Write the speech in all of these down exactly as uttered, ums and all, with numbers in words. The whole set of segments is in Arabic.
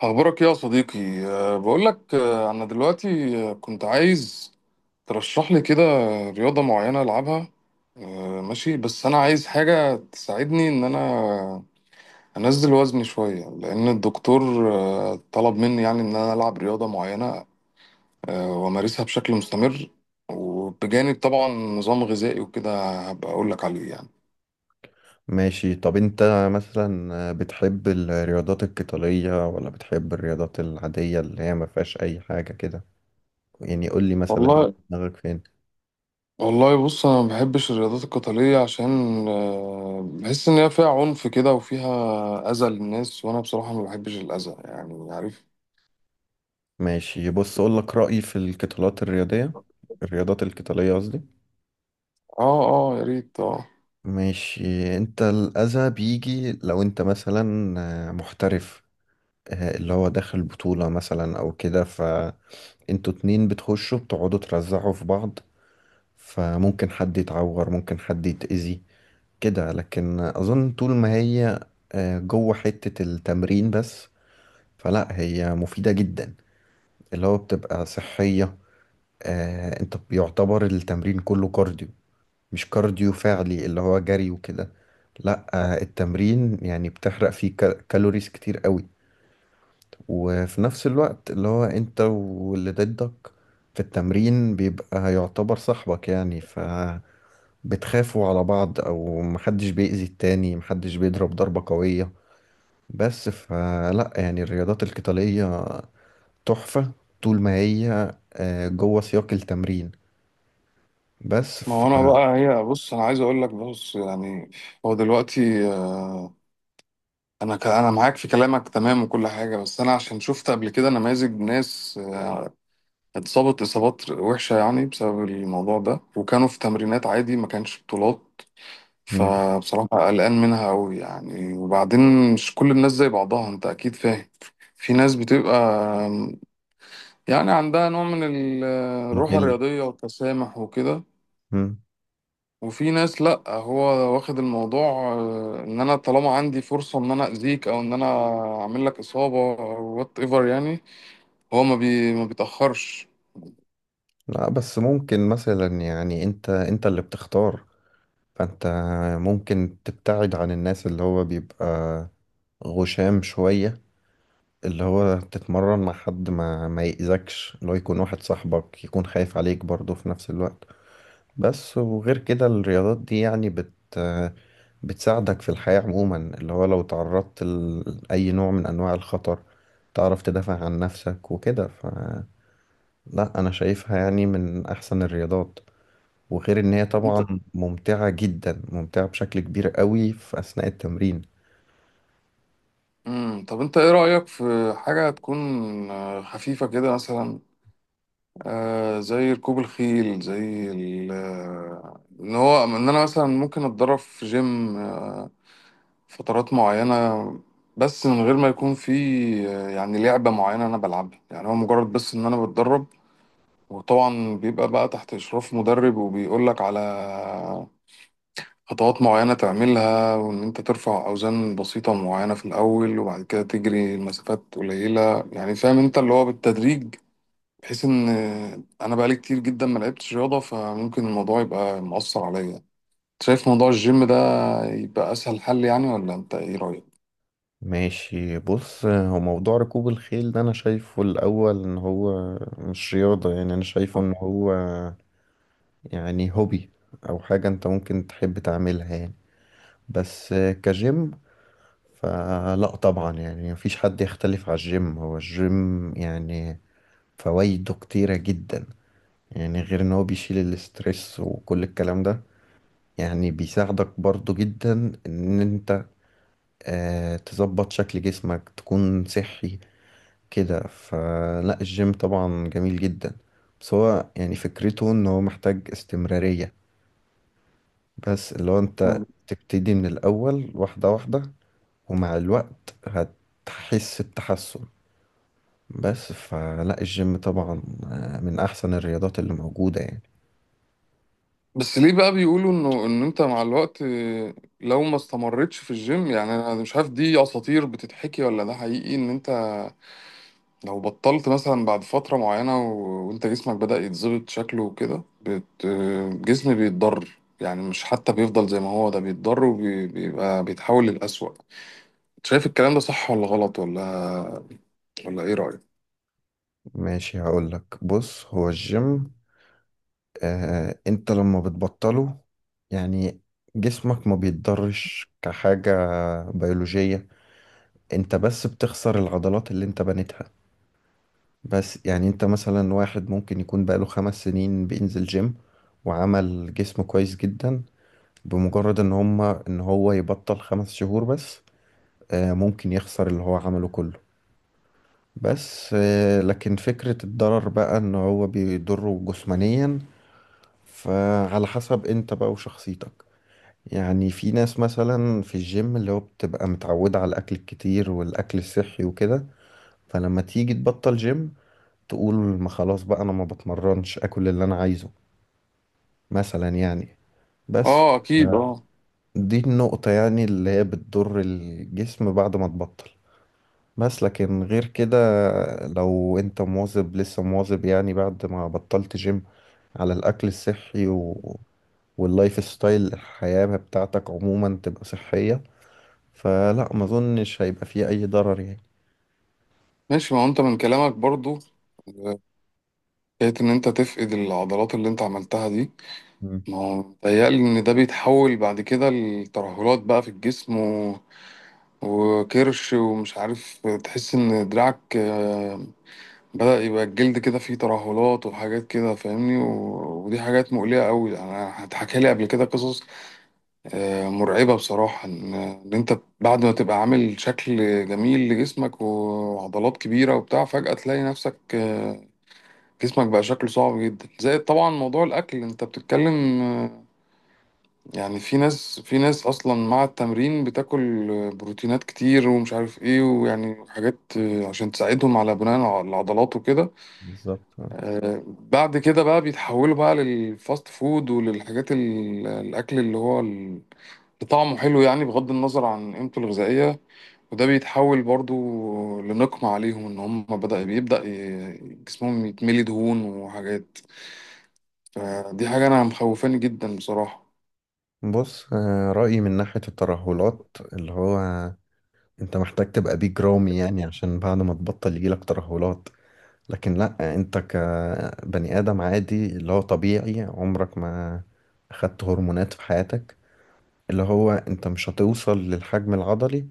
أخبارك إيه يا صديقي؟ أه بقول لك، أه أنا دلوقتي أه، كنت عايز ترشح لي كده رياضة معينة ألعبها. أه ماشي، بس أنا عايز حاجة تساعدني إن أنا أنزل وزني شوية، لأن الدكتور أه طلب مني، يعني إن أنا ألعب رياضة معينة أه وأمارسها بشكل مستمر، وبجانب طبعا نظام غذائي وكده هبقى أقول لك عليه يعني. ماشي، طب انت مثلا بتحب الرياضات القتالية ولا بتحب الرياضات العادية اللي هي ما فيهاش اي حاجة كده؟ يعني قول لي مثلا انت والله، دماغك فين؟ والله بص، انا ما بحبش الرياضات القتاليه عشان آه، بحس ان هي فيها عنف كده وفيها اذى للناس، وانا بصراحه ما بحبش الاذى، يعني عارف. ماشي، بص اقول لك رأيي في القتالات الرياضية، الرياضات القتالية قصدي. اه اه، يا ريت اه ماشي، انت الأذى بيجي لو انت مثلا آه، محترف، آه، اللي هو داخل بطولة مثلا او كده، فانتوا اتنين بتخشوا بتقعدوا ترزعوا في بعض، فممكن حد يتعور، ممكن حد يتأذي كده. لكن اظن طول ما هي آه، جوه حتة التمرين بس، فلا هي مفيدة جدا. اللي هو بتبقى صحية، آه، انت بيعتبر التمرين كله كارديو، مش كارديو فعلي اللي هو جري وكده، لا. آه، التمرين يعني بتحرق فيه كا- كالوريز كتير قوي. وفي نفس الوقت اللي هو انت واللي ضدك في التمرين بيبقى يعتبر صاحبك يعني، فبتخافوا على بعض، او محدش بيأذي التاني، محدش بيضرب ضربة قوية بس. فلا يعني الرياضات القتالية تحفة طول ما هي آه، جوه سياق التمرين بس. ما ف هو انا بقى، هي، بص انا عايز اقول لك، بص يعني، هو دلوقتي آه، انا ك- انا معاك في كلامك تمام وكل حاجه، بس انا عشان شفت قبل كده نماذج ناس آه، اتصابت اصابات وحشه، يعني بسبب الموضوع ده، وكانوا في تمرينات عادي ما كانش بطولات. مم. فبصراحة قلقان منها أوي يعني، وبعدين مش كل الناس زي بعضها، أنت أكيد فاهم. في ناس بتبقى يعني عندها نوع من ال- الروح غل. الرياضية والتسامح وكده. مم. وفي ناس لأ، هو واخد الموضوع آه، إن أنا طالما عندي فرصة إن أنا أذيك، أو إن أنا أعمل لك إصابة أو وات إيفر يعني، هو ما, بي ما بيتأخرش. لا، بس ممكن مثلا يعني انت انت اللي بتختار، فانت ممكن تبتعد عن الناس اللي هو بيبقى غشام شوية، اللي هو تتمرن مع حد ما ما يأذكش، اللي هو يكون واحد صاحبك يكون خايف عليك برضه في نفس الوقت بس. وغير كده الرياضات دي يعني بت بتساعدك في الحياة عموما اللي هو لو تعرضت لأي نوع من أنواع الخطر، تعرف تدافع عن نفسك وكده، فلا أنا شايفها يعني من أحسن الرياضات، وغير ان هي أنت طبعا ممتعة جدا، ممتعة بشكل كبير قوي في اثناء التمرين. مم. طب أنت إيه رأيك في حاجة تكون آه، خفيفة كده، مثلا آه زي ركوب الخيل، زي ال- آه، ان هو ان انا مثلا ممكن اتدرب في جيم آه فترات معينة، بس من غير ما يكون في آه، يعني لعبة معينة انا بلعبها. يعني هو مجرد بس ان انا بتدرب، وطبعا بيبقى بقى تحت اشراف مدرب وبيقولك على خطوات معينة تعملها، وان انت ترفع اوزان بسيطة معينة في الاول، وبعد كده تجري مسافات قليلة، يعني فاهم انت اللي هو بالتدريج، بحيث ان انا بقالي كتير جدا ما لعبتش رياضه، فممكن الموضوع يبقى مؤثر عليا. شايف موضوع الجيم ده يبقى اسهل حل، يعني ولا انت ايه رايك؟ ماشي، بص هو موضوع ركوب الخيل ده انا شايفه الاول ان هو مش رياضة، يعني انا شايفه ان هو يعني هوبي، او حاجة انت ممكن تحب تعملها يعني، بس كجيم فلا طبعا يعني مفيش حد يختلف على الجيم، هو الجيم يعني فوائده كتيرة جدا. يعني غير ان هو بيشيل الاسترس وكل الكلام ده، يعني بيساعدك برضو جدا ان انت آه تظبط شكل جسمك، تكون صحي كده. فلا الجيم طبعا جميل جدا، بس هو يعني فكرته ان هو محتاج استمرارية، بس اللي هو انت مم. تبتدي من الاول واحدة واحدة، ومع الوقت هتحس بتحسن. بس فلا الجيم طبعا آه، من احسن الرياضات اللي موجودة يعني. بس ليه بقى بيقولوا انه ان انت مع الوقت آه، لو ما استمرتش في الجيم، يعني انا مش عارف دي اساطير بتتحكي ولا ده حقيقي، ان انت لو بطلت مثلا بعد فتره معينه و- وانت جسمك بدأ يتظبط شكله وكده، بت... آه، الجسم بيتضرر، يعني مش حتى بيفضل زي ما هو، ده بيتضرر وبيبقى بيتحول للأسوأ. شايف الكلام ده صح ولا غلط، ولا ولا ايه رأيك؟ ماشي هقولك، بص هو الجيم آه، انت لما بتبطله يعني جسمك ما بيتضرش كحاجة بيولوجية. انت بس بتخسر العضلات اللي انت بنيتها. بس يعني انت مثلا واحد ممكن يكون بقاله خمس سنين بينزل جيم وعمل جسم كويس جدا، بمجرد ان هما ان هو يبطل خمس شهور بس آه، ممكن يخسر اللي هو عمله كله. بس آه، لكن فكرة الضرر بقى ان هو بيضره جسمانيا، فعلى حسب انت بقى وشخصيتك. يعني في ناس مثلا في الجيم اللي هو بتبقى متعودة على الأكل الكتير والأكل الصحي وكده، فلما تيجي تبطل جيم تقول ما خلاص بقى، أنا ما بتمرنش، أكل اللي أنا عايزه مثلا يعني بس. اه اكيد اه. دي النقطة يعني اللي هي بتضر الجسم بعد ما تبطل. بس لكن غير كده، لو انت مواظب لسه مواظب يعني بعد ما بطلت جيم على الأكل الصحي و... واللايف ستايل الحياة بتاعتك عموما تبقى صحية، فلا ما اظنش هيبقى فيه اي ضرر يعني. ماشي، ما هو انت من كلامك برضو، آه، حكاية ان انت تفقد العضلات اللي انت عملتها دي، مم. ما هو متهيألي ان ده بيتحول بعد كده لترهلات بقى في الجسم و... وكرش، ومش عارف تحس ان دراعك آه، بدأ يبقى الجلد كده فيه ترهلات وحاجات كده، فاهمني، و... ودي حاجات مقلقة قوي. انا اتحكى لي قبل كده قصص آه، مرعبة بصراحة، إن إن أنت بعد ما تبقى عامل شكل جميل لجسمك وعضلات كبيرة وبتاع، فجأة تلاقي نفسك آه، جسمك بقى شكله صعب جدا. زائد طبعا موضوع الأكل، أنت بتتكلم آه، يعني، في ناس في ناس أصلا مع التمرين بتاكل آه، بروتينات كتير ومش عارف إيه، ويعني حاجات آه، عشان تساعدهم على بناء الع- العضلات وكده، بالظبط. بعد كده بقى بيتحولوا بقى للفاست فود وللحاجات، ال- الأكل اللي هو طعمه حلو، يعني بغض النظر عن قيمته الغذائية، وده بيتحول برضو لنقمة عليهم، ان هم بدأ بيبدأ ي- جسمهم يتملي دهون وحاجات. فدي حاجة انا مخوفاني جدا بصراحة. بص آه، رأيي من ناحية الترهلات، اللي هو انت محتاج تبقى بيج رامي يعني عشان بعد ما تبطل يجيلك ترهلات. لكن لا، انت كبني آدم عادي اللي هو طبيعي، عمرك ما اخدت هرمونات في حياتك، اللي هو انت مش هتوصل للحجم العضلي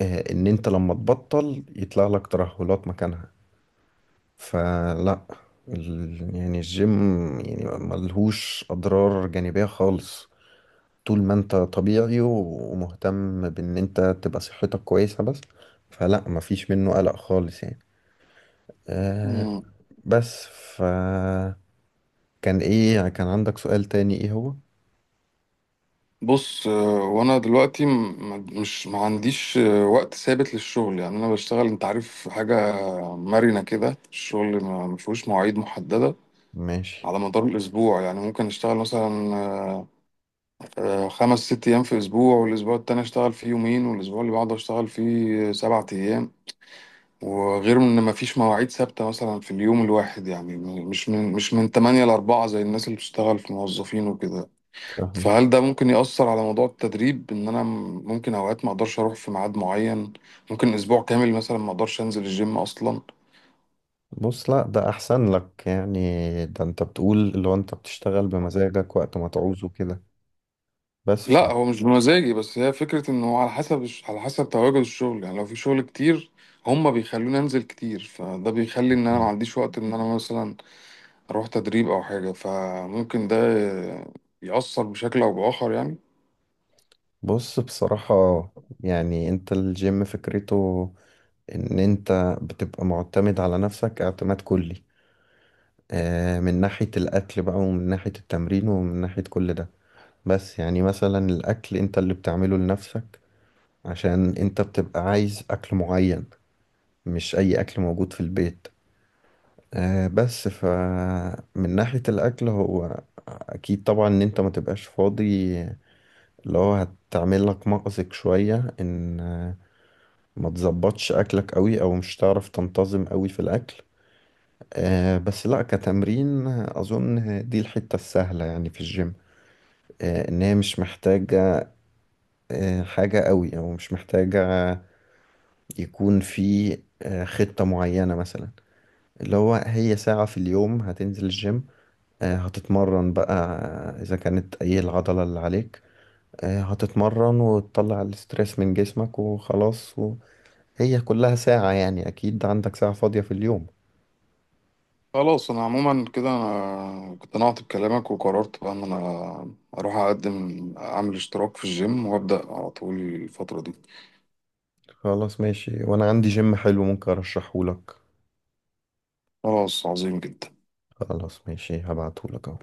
آه، ان انت لما تبطل يطلع لك ترهلات مكانها. فلا ال... يعني الجيم يعني ملهوش أضرار جانبية خالص، طول ما انت طبيعي و- ومهتم بان انت تبقى صحتك كويسة بس. فلا مفيش منه قلق خالص يعني. أه. مم. بس. ف كان ايه يعني، كان عندك سؤال تاني ايه هو؟ بص، آه، وانا دلوقتي م- م- مش ما عنديش آه، وقت ثابت للشغل، يعني انا بشتغل، انت عارف، حاجة مرنة كده، الشغل ما ما فيهوش مواعيد محددة ماشي. على مدار الاسبوع. يعني ممكن اشتغل مثلا آه، خمس ست أيام في أسبوع، والأسبوع التاني أشتغل فيه يومين، والأسبوع اللي بعده أشتغل فيه سبعة أيام. وغير إن مفيش مواعيد ثابتة مثلا في اليوم الواحد، يعني م- مش من مش من تمانية لأربعة، زي الناس اللي بتشتغل في موظفين وكده. فاهمة. فهل ده ممكن يأثر على موضوع التدريب، إن أنا م- ممكن أوقات ما أقدرش أروح في ميعاد معين، ممكن أسبوع كامل مثلا ما أقدرش أنزل الجيم أصلا. بص لا ده احسن لك يعني، ده انت بتقول اللي هو انت بتشتغل بمزاجك وقت ما تعوزه كده بس. ف لا، هو مش بمزاجي، بس هي فكرة إن هو على حسب على حسب تواجد الشغل، يعني لو في شغل كتير هما بيخلوني أنزل كتير، فده بيخلي إن أنا ما عنديش وقت إن أنا مثلا أروح تدريب أو حاجة، فممكن ده يأثر بشكل أو بآخر يعني. بص بصراحة، يعني انت الجيم فكرته ان انت بتبقى معتمد على نفسك اعتماد كلي آه، من ناحية الاكل بقى، ومن ناحية التمرين، ومن ناحية كل ده. بس يعني مثلا الاكل انت اللي بتعمله لنفسك عشان انت بتبقى عايز اكل معين، مش اي اكل موجود في البيت آه، بس فمن ناحية الاكل هو اكيد طبعا ان انت ما تبقاش فاضي، اللي هو هتعمل لك مأزق شوية ان ما تظبطش اكلك قوي او مش هتعرف تنتظم قوي في الاكل. آه بس لا كتمرين اظن دي الحتة السهلة يعني في الجيم. آه ان هي مش محتاجة آه حاجة قوي، او مش محتاجة يكون في آه خطة معينة مثلا، اللي هو هي ساعة في اليوم هتنزل الجيم، آه هتتمرن بقى آه، اذا كانت اي العضلة اللي عليك، آه هتتمرن وتطلع الاسترس من جسمك وخلاص. وهي كلها ساعة، يعني اكيد عندك ساعة فاضية في اليوم. خلاص، أنا عموما كده أنا اقتنعت بكلامك، وقررت بقى إن أنا أروح أقدم أعمل اشتراك في الجيم وأبدأ على طول الفترة دي. خلاص ماشي، وانا عندي جيم حلو ممكن ارشحهولك. خلاص، عظيم جدا. خلاص ماشي، هبعتهولك اهو.